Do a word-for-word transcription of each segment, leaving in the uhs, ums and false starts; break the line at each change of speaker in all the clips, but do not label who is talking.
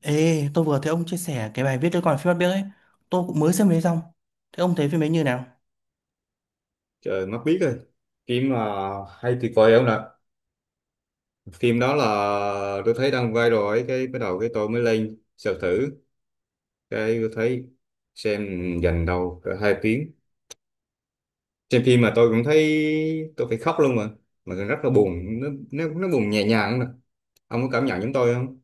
Ê, tôi vừa thấy ông chia sẻ cái bài viết tôi còn phim Bắt Biếc ấy. Tôi cũng mới xem đấy xong. Thế ông thấy phim ấy như nào?
Trời, mắt biết rồi, phim mà hay tuyệt vời không nè. Phim đó là, tôi thấy đang viral ấy, cái bắt đầu cái tôi mới lên search thử, cái tôi thấy xem dành đầu cỡ hai tiếng. Xem phim mà tôi cũng thấy tôi phải khóc luôn mà mà rất là buồn, nó nó, nó buồn nhẹ nhàng nè. Ông có cảm nhận giống tôi không?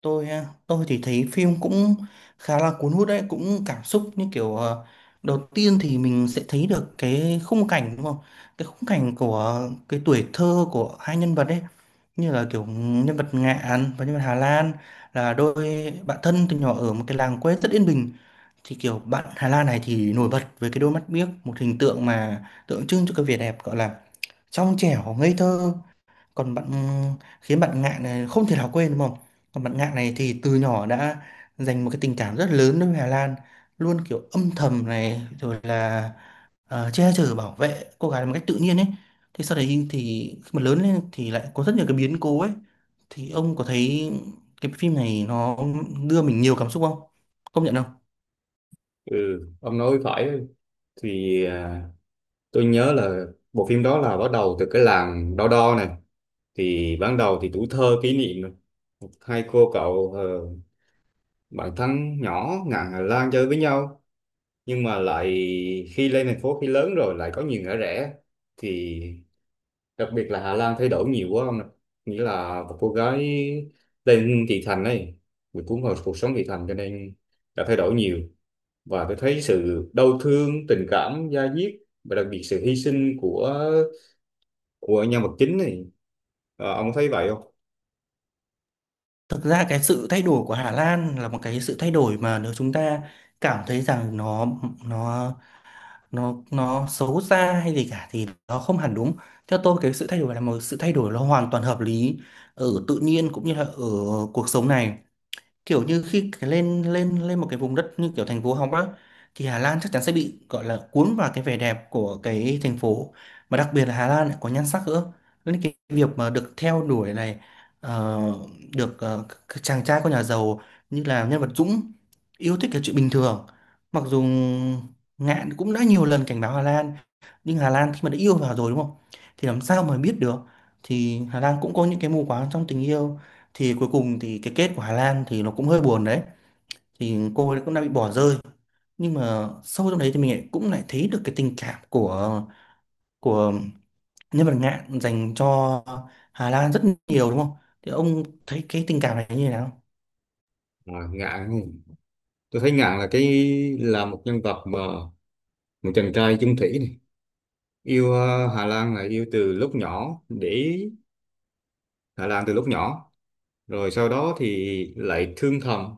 Tôi à, tôi thì thấy phim cũng khá là cuốn hút đấy, cũng cảm xúc như kiểu ờ, đầu tiên thì mình sẽ thấy được cái khung cảnh đúng không? Cái khung cảnh của cái tuổi thơ của hai nhân vật ấy, như là kiểu nhân vật Ngạn và nhân vật Hà Lan là đôi bạn thân từ nhỏ ở một cái làng quê rất yên bình. Thì kiểu bạn Hà Lan này thì nổi bật với cái đôi mắt biếc, một hình tượng mà tượng trưng cho cái vẻ đẹp gọi là trong trẻo ngây thơ, còn bạn ừ, khiến bạn Ngạn này không thể nào quên đúng không? Còn bạn Ngạn này thì từ nhỏ đã dành một cái tình cảm rất lớn đối với Hà Lan, luôn kiểu âm thầm này rồi là ờ, che chở bảo vệ cô gái một cách tự nhiên ấy. Thế sau đấy thì khi mà lớn lên thì lại có rất nhiều cái biến cố ấy, thì ông có thấy cái phim này nó đưa mình nhiều cảm xúc không, công nhận không?
Ừ, ông nói phải. Thì à, tôi nhớ là bộ phim đó là bắt đầu từ cái làng Đo Đo này. Thì ban đầu thì tuổi thơ kỷ niệm này, hai cô cậu bạn thân nhỏ ngà Hà Lan chơi với nhau, nhưng mà lại khi lên thành phố, khi lớn rồi lại có nhiều ngã rẽ. Thì đặc biệt là Hà Lan thay đổi nhiều quá không ạ? Nghĩa là một cô gái lên thị thành ấy, bị cuốn vào cuộc sống thị thành cho nên đã thay đổi nhiều. Và tôi thấy sự đau thương, tình cảm da diết, và đặc biệt sự hy sinh của của nhân vật chính này. Ờ, ông có thấy vậy không?
Thực ra cái sự thay đổi của Hà Lan là một cái sự thay đổi mà nếu chúng ta cảm thấy rằng nó nó nó nó xấu xa hay gì cả thì nó không hẳn đúng. Theo tôi cái sự thay đổi là một sự thay đổi nó hoàn toàn hợp lý ở tự nhiên cũng như là ở cuộc sống này, kiểu như khi cái lên lên lên một cái vùng đất như kiểu thành phố Hồng á thì Hà Lan chắc chắn sẽ bị gọi là cuốn vào cái vẻ đẹp của cái thành phố, mà đặc biệt là Hà Lan lại có nhan sắc nữa, nên cái việc mà được theo đuổi này, ờ, được ờ, các chàng trai con nhà giàu như là nhân vật Dũng yêu thích là chuyện bình thường. Mặc dù Ngạn cũng đã nhiều lần cảnh báo Hà Lan, nhưng Hà Lan khi mà đã yêu vào rồi đúng không, thì làm sao mà biết được. Thì Hà Lan cũng có những cái mù quáng trong tình yêu, thì cuối cùng thì cái kết của Hà Lan thì nó cũng hơi buồn đấy, thì cô ấy cũng đã bị bỏ rơi. Nhưng mà sâu trong đấy thì mình lại cũng lại thấy được cái tình cảm của của nhân vật Ngạn dành cho Hà Lan rất nhiều đúng không? Thì ông thấy cái tình cảm này như thế nào?
à, Ngạn, tôi thấy Ngạn là cái, là một nhân vật mà một chàng trai chung thủy này, yêu ờ, Hà Lan là yêu từ lúc nhỏ, để ý Hà Lan từ lúc nhỏ, rồi sau đó thì lại thương thầm.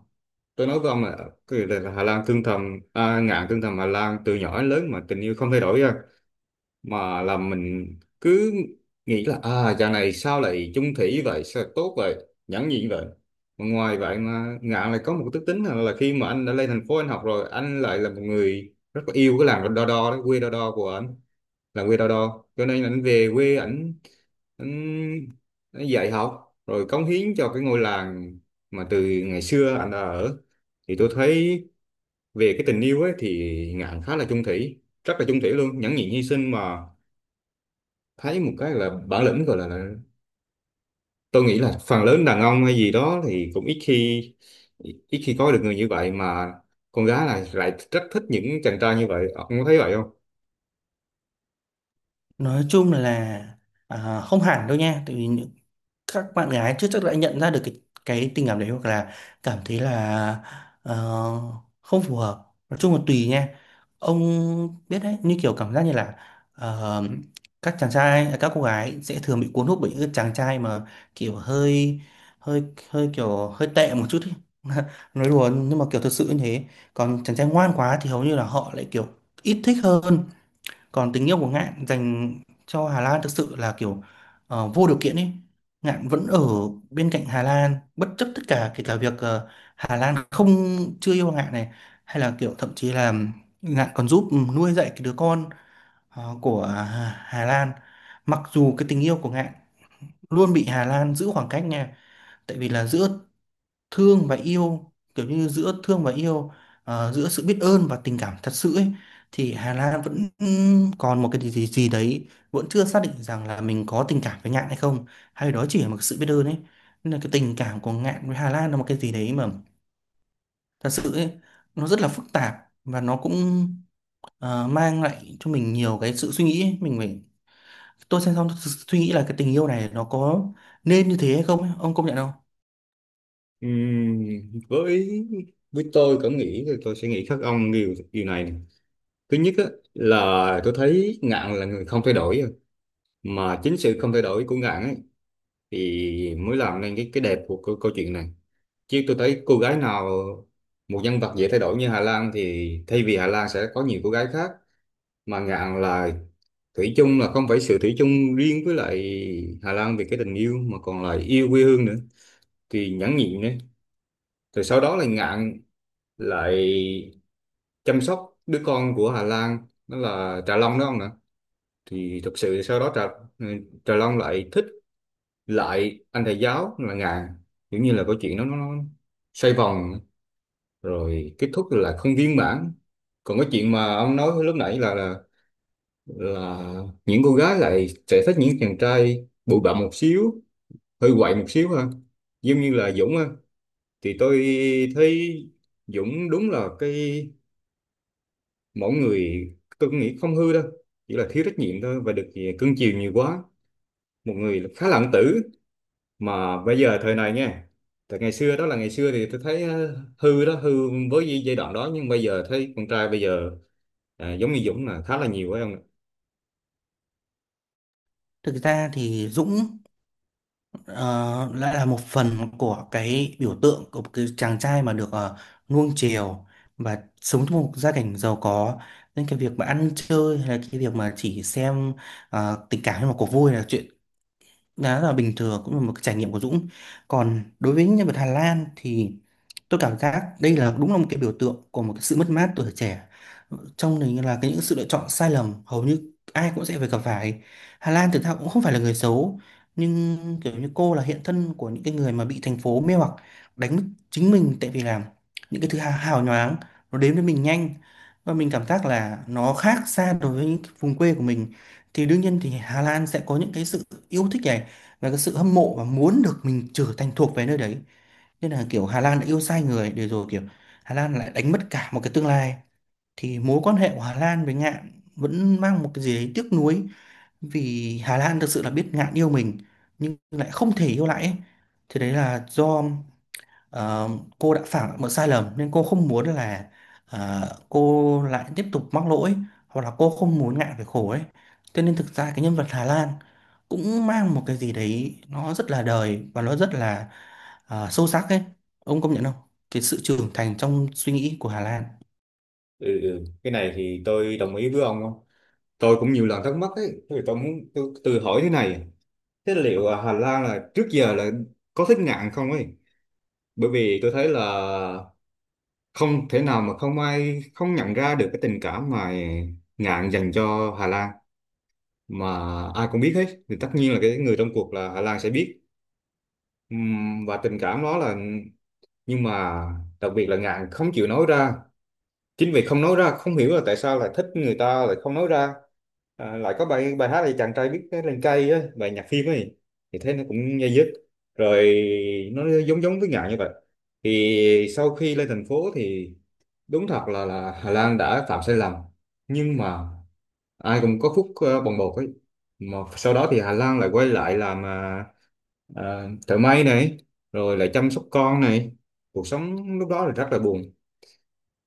Tôi nói với ông là, cái là là Hà Lan thương thầm, à, Ngạn thương thầm Hà Lan từ nhỏ đến lớn mà tình yêu không thay đổi ra, mà là mình cứ nghĩ là, à, chàng này sao lại chung thủy vậy, sao lại tốt vậy, nhẫn nhịn vậy. Mà ngoài vậy mà Ngạn lại có một cái đức tính là, là khi mà anh đã lên thành phố, anh học rồi, anh lại là một người rất là yêu cái làng Đo Đo đó, quê Đo Đo của anh, là quê Đo Đo, cho nên ảnh về quê, ảnh ảnh, ảnh dạy học rồi cống hiến cho cái ngôi làng mà từ ngày xưa ảnh đã ở. Thì tôi thấy về cái tình yêu ấy thì Ngạn khá là chung thủy, rất là chung thủy luôn, nhẫn nhịn hy sinh mà. Thấy một cái là bản lĩnh gọi là, là tôi nghĩ là phần lớn đàn ông hay gì đó thì cũng ít khi ít khi có được người như vậy, mà con gái là lại rất thích những chàng trai như vậy. Ông có thấy vậy không?
Nói chung là à, không hẳn đâu nha, tại vì những các bạn gái chưa chắc đã nhận ra được cái cái tình cảm đấy, hoặc là cảm thấy là ờ, không phù hợp, nói chung là tùy nha. Ông biết đấy, như kiểu cảm giác như là ờ, các chàng trai à, các cô gái sẽ thường bị cuốn hút bởi những cái chàng trai mà kiểu hơi hơi hơi kiểu hơi tệ một chút ý. Nói đùa nhưng mà kiểu thật sự như thế. Còn chàng trai ngoan quá thì hầu như là họ lại kiểu ít thích hơn. Còn tình yêu của Ngạn dành cho Hà Lan thực sự là kiểu ờ, vô điều kiện ấy. Ngạn vẫn ở bên cạnh Hà Lan bất chấp tất cả, kể cả việc ờ, Hà Lan không chưa yêu Ngạn này, hay là kiểu thậm chí là Ngạn còn giúp nuôi dạy cái đứa con ờ, của Hà Hà Lan. Mặc dù cái tình yêu của Ngạn luôn bị Hà Lan giữ khoảng cách nha, tại vì là giữa thương và yêu, kiểu như giữa thương và yêu, ờ, giữa sự biết ơn và tình cảm thật sự ấy. Thì Hà Lan vẫn ừm, còn một cái gì gì gì đấy, vẫn chưa xác định rằng là mình có tình cảm với Ngạn hay không, hay đó chỉ là một sự biết ơn ấy. Nên là cái tình cảm của Ngạn với Hà Lan là một cái gì đấy mà thật sự ấy, nó rất là phức tạp, và nó cũng ờ, mang lại cho mình nhiều cái sự suy nghĩ ấy. Mình phải, tôi xem xong tôi suy nghĩ là cái tình yêu này nó có nên như thế hay không ấy. Ông công nhận không?
Ừm, với với tôi cảm nghĩ thì tôi sẽ nghĩ khác ông điều điều này nè. Thứ nhất á, là tôi thấy Ngạn là người không thay đổi à. Mà chính sự không thay đổi của Ngạn ấy thì mới làm nên cái cái đẹp của câu, câu chuyện này. Chứ tôi thấy cô gái nào, một nhân vật dễ thay đổi như Hà Lan thì thay vì Hà Lan sẽ có nhiều cô gái khác. Mà Ngạn là thủy chung, là không phải sự thủy chung riêng với lại Hà Lan về cái tình yêu mà còn là yêu quê hương nữa, thì nhẫn nhịn đấy. Rồi sau đó là Ngạn lại chăm sóc đứa con của Hà Lan, đó là Trà Long đó ông nè. Thì thực sự sau đó Trà, ừ, Trà Long lại thích lại anh thầy giáo là Ngạn. Kiểu như là câu chuyện nó nó nó xoay vòng, rồi kết thúc là không viên mãn. Còn cái chuyện mà ông nói lúc nãy là là là những cô gái lại sẽ thích những chàng trai bụi bặm một xíu, hơi quậy một xíu ha, giống như là Dũng ha. Thì tôi thấy Dũng đúng là cái, mỗi người, tôi cũng nghĩ không hư đâu, chỉ là thiếu trách nhiệm thôi, và được thì cưng chiều nhiều quá, một người khá là ẩn tử. Mà bây giờ thời này nha, thời ngày xưa đó là ngày xưa thì tôi thấy ờ, hư đó, hư với gi- giai đoạn đó. Nhưng bây giờ thấy con trai bây giờ, à, giống như Dũng là khá là nhiều phải không ạ?
Thực ra thì Dũng ờ, lại là một phần của cái biểu tượng của một cái chàng trai mà được ờ, nuông chiều và sống trong một gia cảnh giàu có, nên cái việc mà ăn chơi hay là cái việc mà chỉ xem ờ, tình cảm hay là cuộc vui là chuyện đó là bình thường, cũng là một cái trải nghiệm của Dũng. Còn đối với nhân vật Hà Lan thì tôi cảm giác đây là đúng là một cái biểu tượng của một cái sự mất mát tuổi trẻ, trong này là cái những sự lựa chọn sai lầm hầu như ai cũng sẽ phải gặp phải. Hà Lan thực ra cũng không phải là người xấu, nhưng kiểu như cô là hiện thân của những cái người mà bị thành phố mê hoặc, đánh mất chính mình, tại vì là những cái thứ hào hào nhoáng nó đến với mình nhanh, và mình cảm giác là nó khác xa đối với những cái vùng quê của mình, thì đương nhiên thì Hà Lan sẽ có những cái sự yêu thích này, và cái sự hâm mộ và muốn được mình trở thành thuộc về nơi đấy. Nên là kiểu Hà Lan đã yêu sai người để rồi kiểu Hà Lan lại đánh mất cả một cái tương lai. Thì mối quan hệ của Hà Lan với Ngạn vẫn mang một cái gì đấy tiếc nuối, vì Hà Lan thực sự là biết Ngạn yêu mình nhưng lại không thể yêu lại ấy. Thì đấy là do Ờ, cô đã phạm một sai lầm nên cô không muốn là ờ, cô lại tiếp tục mắc lỗi, hoặc là cô không muốn ngại về khổ ấy. Cho nên thực ra cái nhân vật Hà Lan cũng mang một cái gì đấy nó rất là đời và nó rất là ờ, sâu sắc ấy. Ông công nhận không? Cái sự trưởng thành trong suy nghĩ của Hà Lan,
ừ, ừ. Cái này thì tôi đồng ý với ông không. Tôi cũng nhiều lần thắc mắc ấy, thì tôi muốn tôi tự hỏi thế này, thế liệu à, Hà Lan là trước giờ là có thích nạn không ấy. Bởi vì tôi thấy là không thể nào mà không ai không nhận ra được cái tình cảm mà Ngạn dành cho Hà Lan, mà ai cũng biết hết thì tất nhiên là cái người trong cuộc là Hà Lan sẽ biết. Ừm, và tình cảm đó là, nhưng mà đặc biệt là Ngạn không chịu nói ra. Chính vì không nói ra, không hiểu là tại sao lại thích người ta lại không nói ra. À, lại có bài bài hát là chàng trai biết cái lên cây ấy, bài nhạc phim ấy, thì thế nó cũng dây dứt, rồi nó giống giống với Ngạn như vậy. Thì sau khi lên thành phố thì đúng thật là là Hà Lan đã phạm sai lầm, nhưng mà ai cũng có phút ờ, bồng bột ấy. Mà sau đó thì Hà Lan lại quay lại làm, uh, thợ may này, rồi lại chăm sóc con này. Cuộc sống lúc đó là rất là buồn,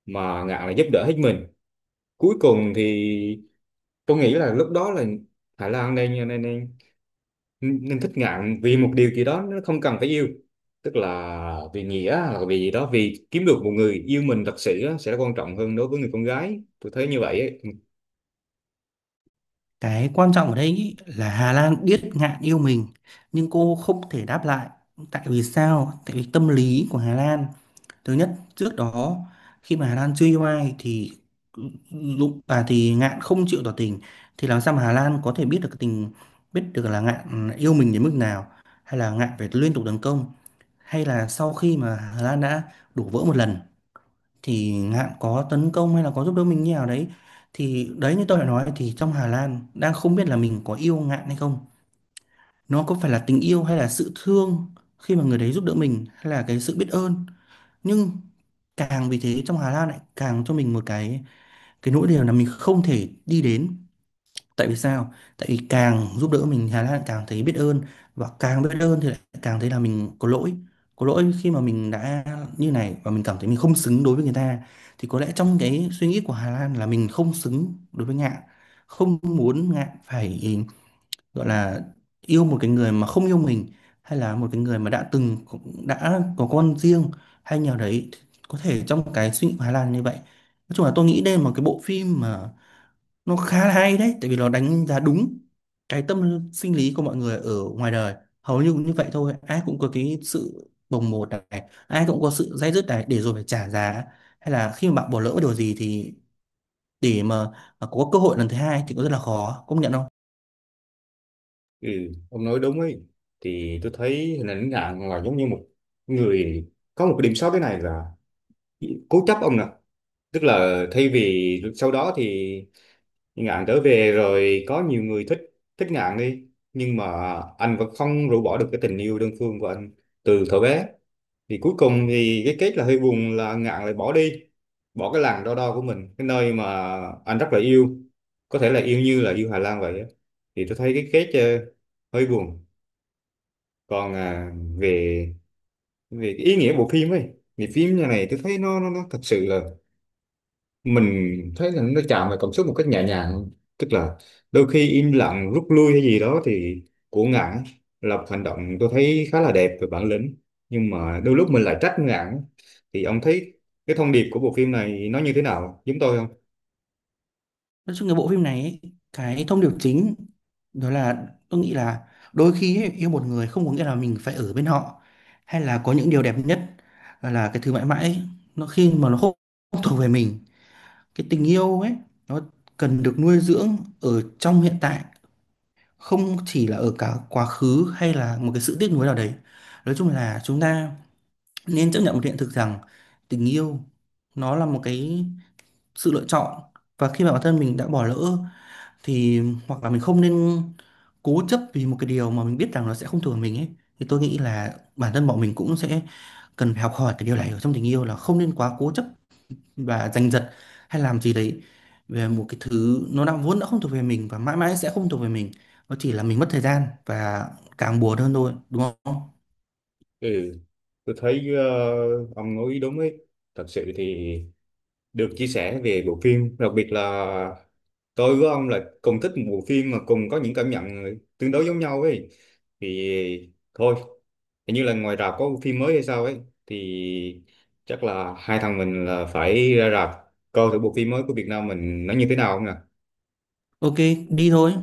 mà Ngạn là giúp đỡ hết mình. Cuối cùng thì tôi nghĩ là lúc đó là Hà Lan nên nên, nên nên thích Ngạn vì một điều gì đó, nó không cần phải yêu, tức là vì nghĩa hoặc vì gì đó, vì kiếm được một người yêu mình thật sự á, sẽ quan trọng hơn đối với người con gái, tôi thấy như vậy ấy.
cái quan trọng ở đây ý là Hà Lan biết ngạn yêu mình nhưng cô không thể đáp lại. Tại vì sao? Tại vì tâm lý của Hà Lan. Thứ nhất, trước đó khi mà Hà Lan chưa yêu ai thì lúc à thì Ngạn không chịu tỏ tình, thì làm sao mà Hà Lan có thể biết được cái tình biết được là Ngạn yêu mình đến mức nào, hay là Ngạn phải liên tục tấn công, hay là sau khi mà Hà Lan đã đổ vỡ một lần thì Ngạn có tấn công hay là có giúp đỡ mình như nào đấy. Thì đấy như tôi đã nói thì trong Hà Lan đang không biết là mình có yêu Ngạn hay không, nó có phải là tình yêu hay là sự thương khi mà người đấy giúp đỡ mình, hay là cái sự biết ơn. Nhưng càng vì thế trong Hà Lan lại càng cho mình một cái cái nỗi điều là mình không thể đi đến. Tại vì sao? Tại vì càng giúp đỡ mình Hà Lan lại càng thấy biết ơn, và càng biết ơn thì lại càng thấy là mình có lỗi. Có lỗi khi mà mình đã như này, và mình cảm thấy mình không xứng đối với người ta. Thì có lẽ trong cái suy nghĩ của Hà Lan là mình không xứng đối với Ngạn, không muốn Ngạn phải gọi là yêu một cái người mà không yêu mình, hay là một cái người mà đã từng đã có con riêng hay nhờ đấy. Có thể trong cái suy nghĩ của Hà Lan như vậy. Nói chung là tôi nghĩ đây là một cái bộ phim mà nó khá là hay đấy, tại vì nó đánh giá đúng cái tâm sinh lý của mọi người ở ngoài đời, hầu như cũng như vậy thôi. Ai cũng có cái sự bồng bột này, ai cũng có sự day dứt này để rồi phải trả giá, hay là khi mà bạn bỏ lỡ điều gì thì để mà có cơ hội lần thứ hai thì cũng rất là khó, công nhận không?
Ừ, ông nói đúng ấy. Thì tôi thấy hình ảnh Ngạn là giống như một người có một cái điểm sót thế này là cố chấp ông nè. Tức là thay vì sau đó thì Ngạn trở về rồi có nhiều người thích, thích Ngạn đi, nhưng mà anh vẫn không rũ bỏ được cái tình yêu đơn phương của anh từ thuở bé. Thì cuối cùng thì cái kết là hơi buồn là Ngạn lại bỏ đi, bỏ cái làng Đo Đo của mình, cái nơi mà anh rất là yêu, có thể là yêu như là yêu Hà Lan vậy á. Thì tôi thấy cái kết ờ, hơi buồn. Còn à, về về cái ý nghĩa bộ phim ấy, thì phim như này tôi thấy nó nó, nó thật sự là mình thấy là nó chạm vào cảm xúc một cách nhẹ nhàng. Tức là đôi khi im lặng rút lui hay gì đó thì của Ngạn là một hành động tôi thấy khá là đẹp về bản lĩnh, nhưng mà đôi lúc mình lại trách Ngạn. Thì ông thấy cái thông điệp của bộ phim này nó như thế nào, giống tôi không?
Nói chung cái bộ phim này ấy, cái thông điệp chính đó là tôi nghĩ là đôi khi ấy, yêu một người không có nghĩa là mình phải ở bên họ, hay là có những điều đẹp nhất là, là cái thứ mãi mãi ấy, nó khi mà nó không không thuộc về mình. Cái tình yêu ấy nó cần được nuôi dưỡng ở trong hiện tại, không chỉ là ở cả quá khứ hay là một cái sự tiếc nuối nào đấy. Nói chung là chúng ta nên chấp nhận một hiện thực rằng tình yêu nó là một cái sự lựa chọn, và khi mà bản thân mình đã bỏ lỡ thì hoặc là mình không nên cố chấp vì một cái điều mà mình biết rằng nó sẽ không thuộc về mình ấy. Thì tôi nghĩ là bản thân bọn mình cũng sẽ cần phải học hỏi cái điều này ở trong tình yêu, là không nên quá cố chấp và giành giật hay làm gì đấy về một cái thứ nó đã vốn đã không thuộc về mình và mãi mãi sẽ không thuộc về mình. Nó chỉ là mình mất thời gian và càng buồn hơn thôi đúng không?
Ừ, tôi thấy, ờ, ông nói đúng ấy. Thật sự thì được chia sẻ về bộ phim, đặc biệt là tôi với ông là cùng thích một bộ phim mà cùng có những cảm nhận tương đối giống nhau ấy. Thì thôi, hình như là ngoài rạp có bộ phim mới hay sao ấy, thì chắc là hai thằng mình là phải ra rạp coi thử bộ phim mới của Việt Nam mình nó như thế nào không nhỉ.
Ok, đi thôi.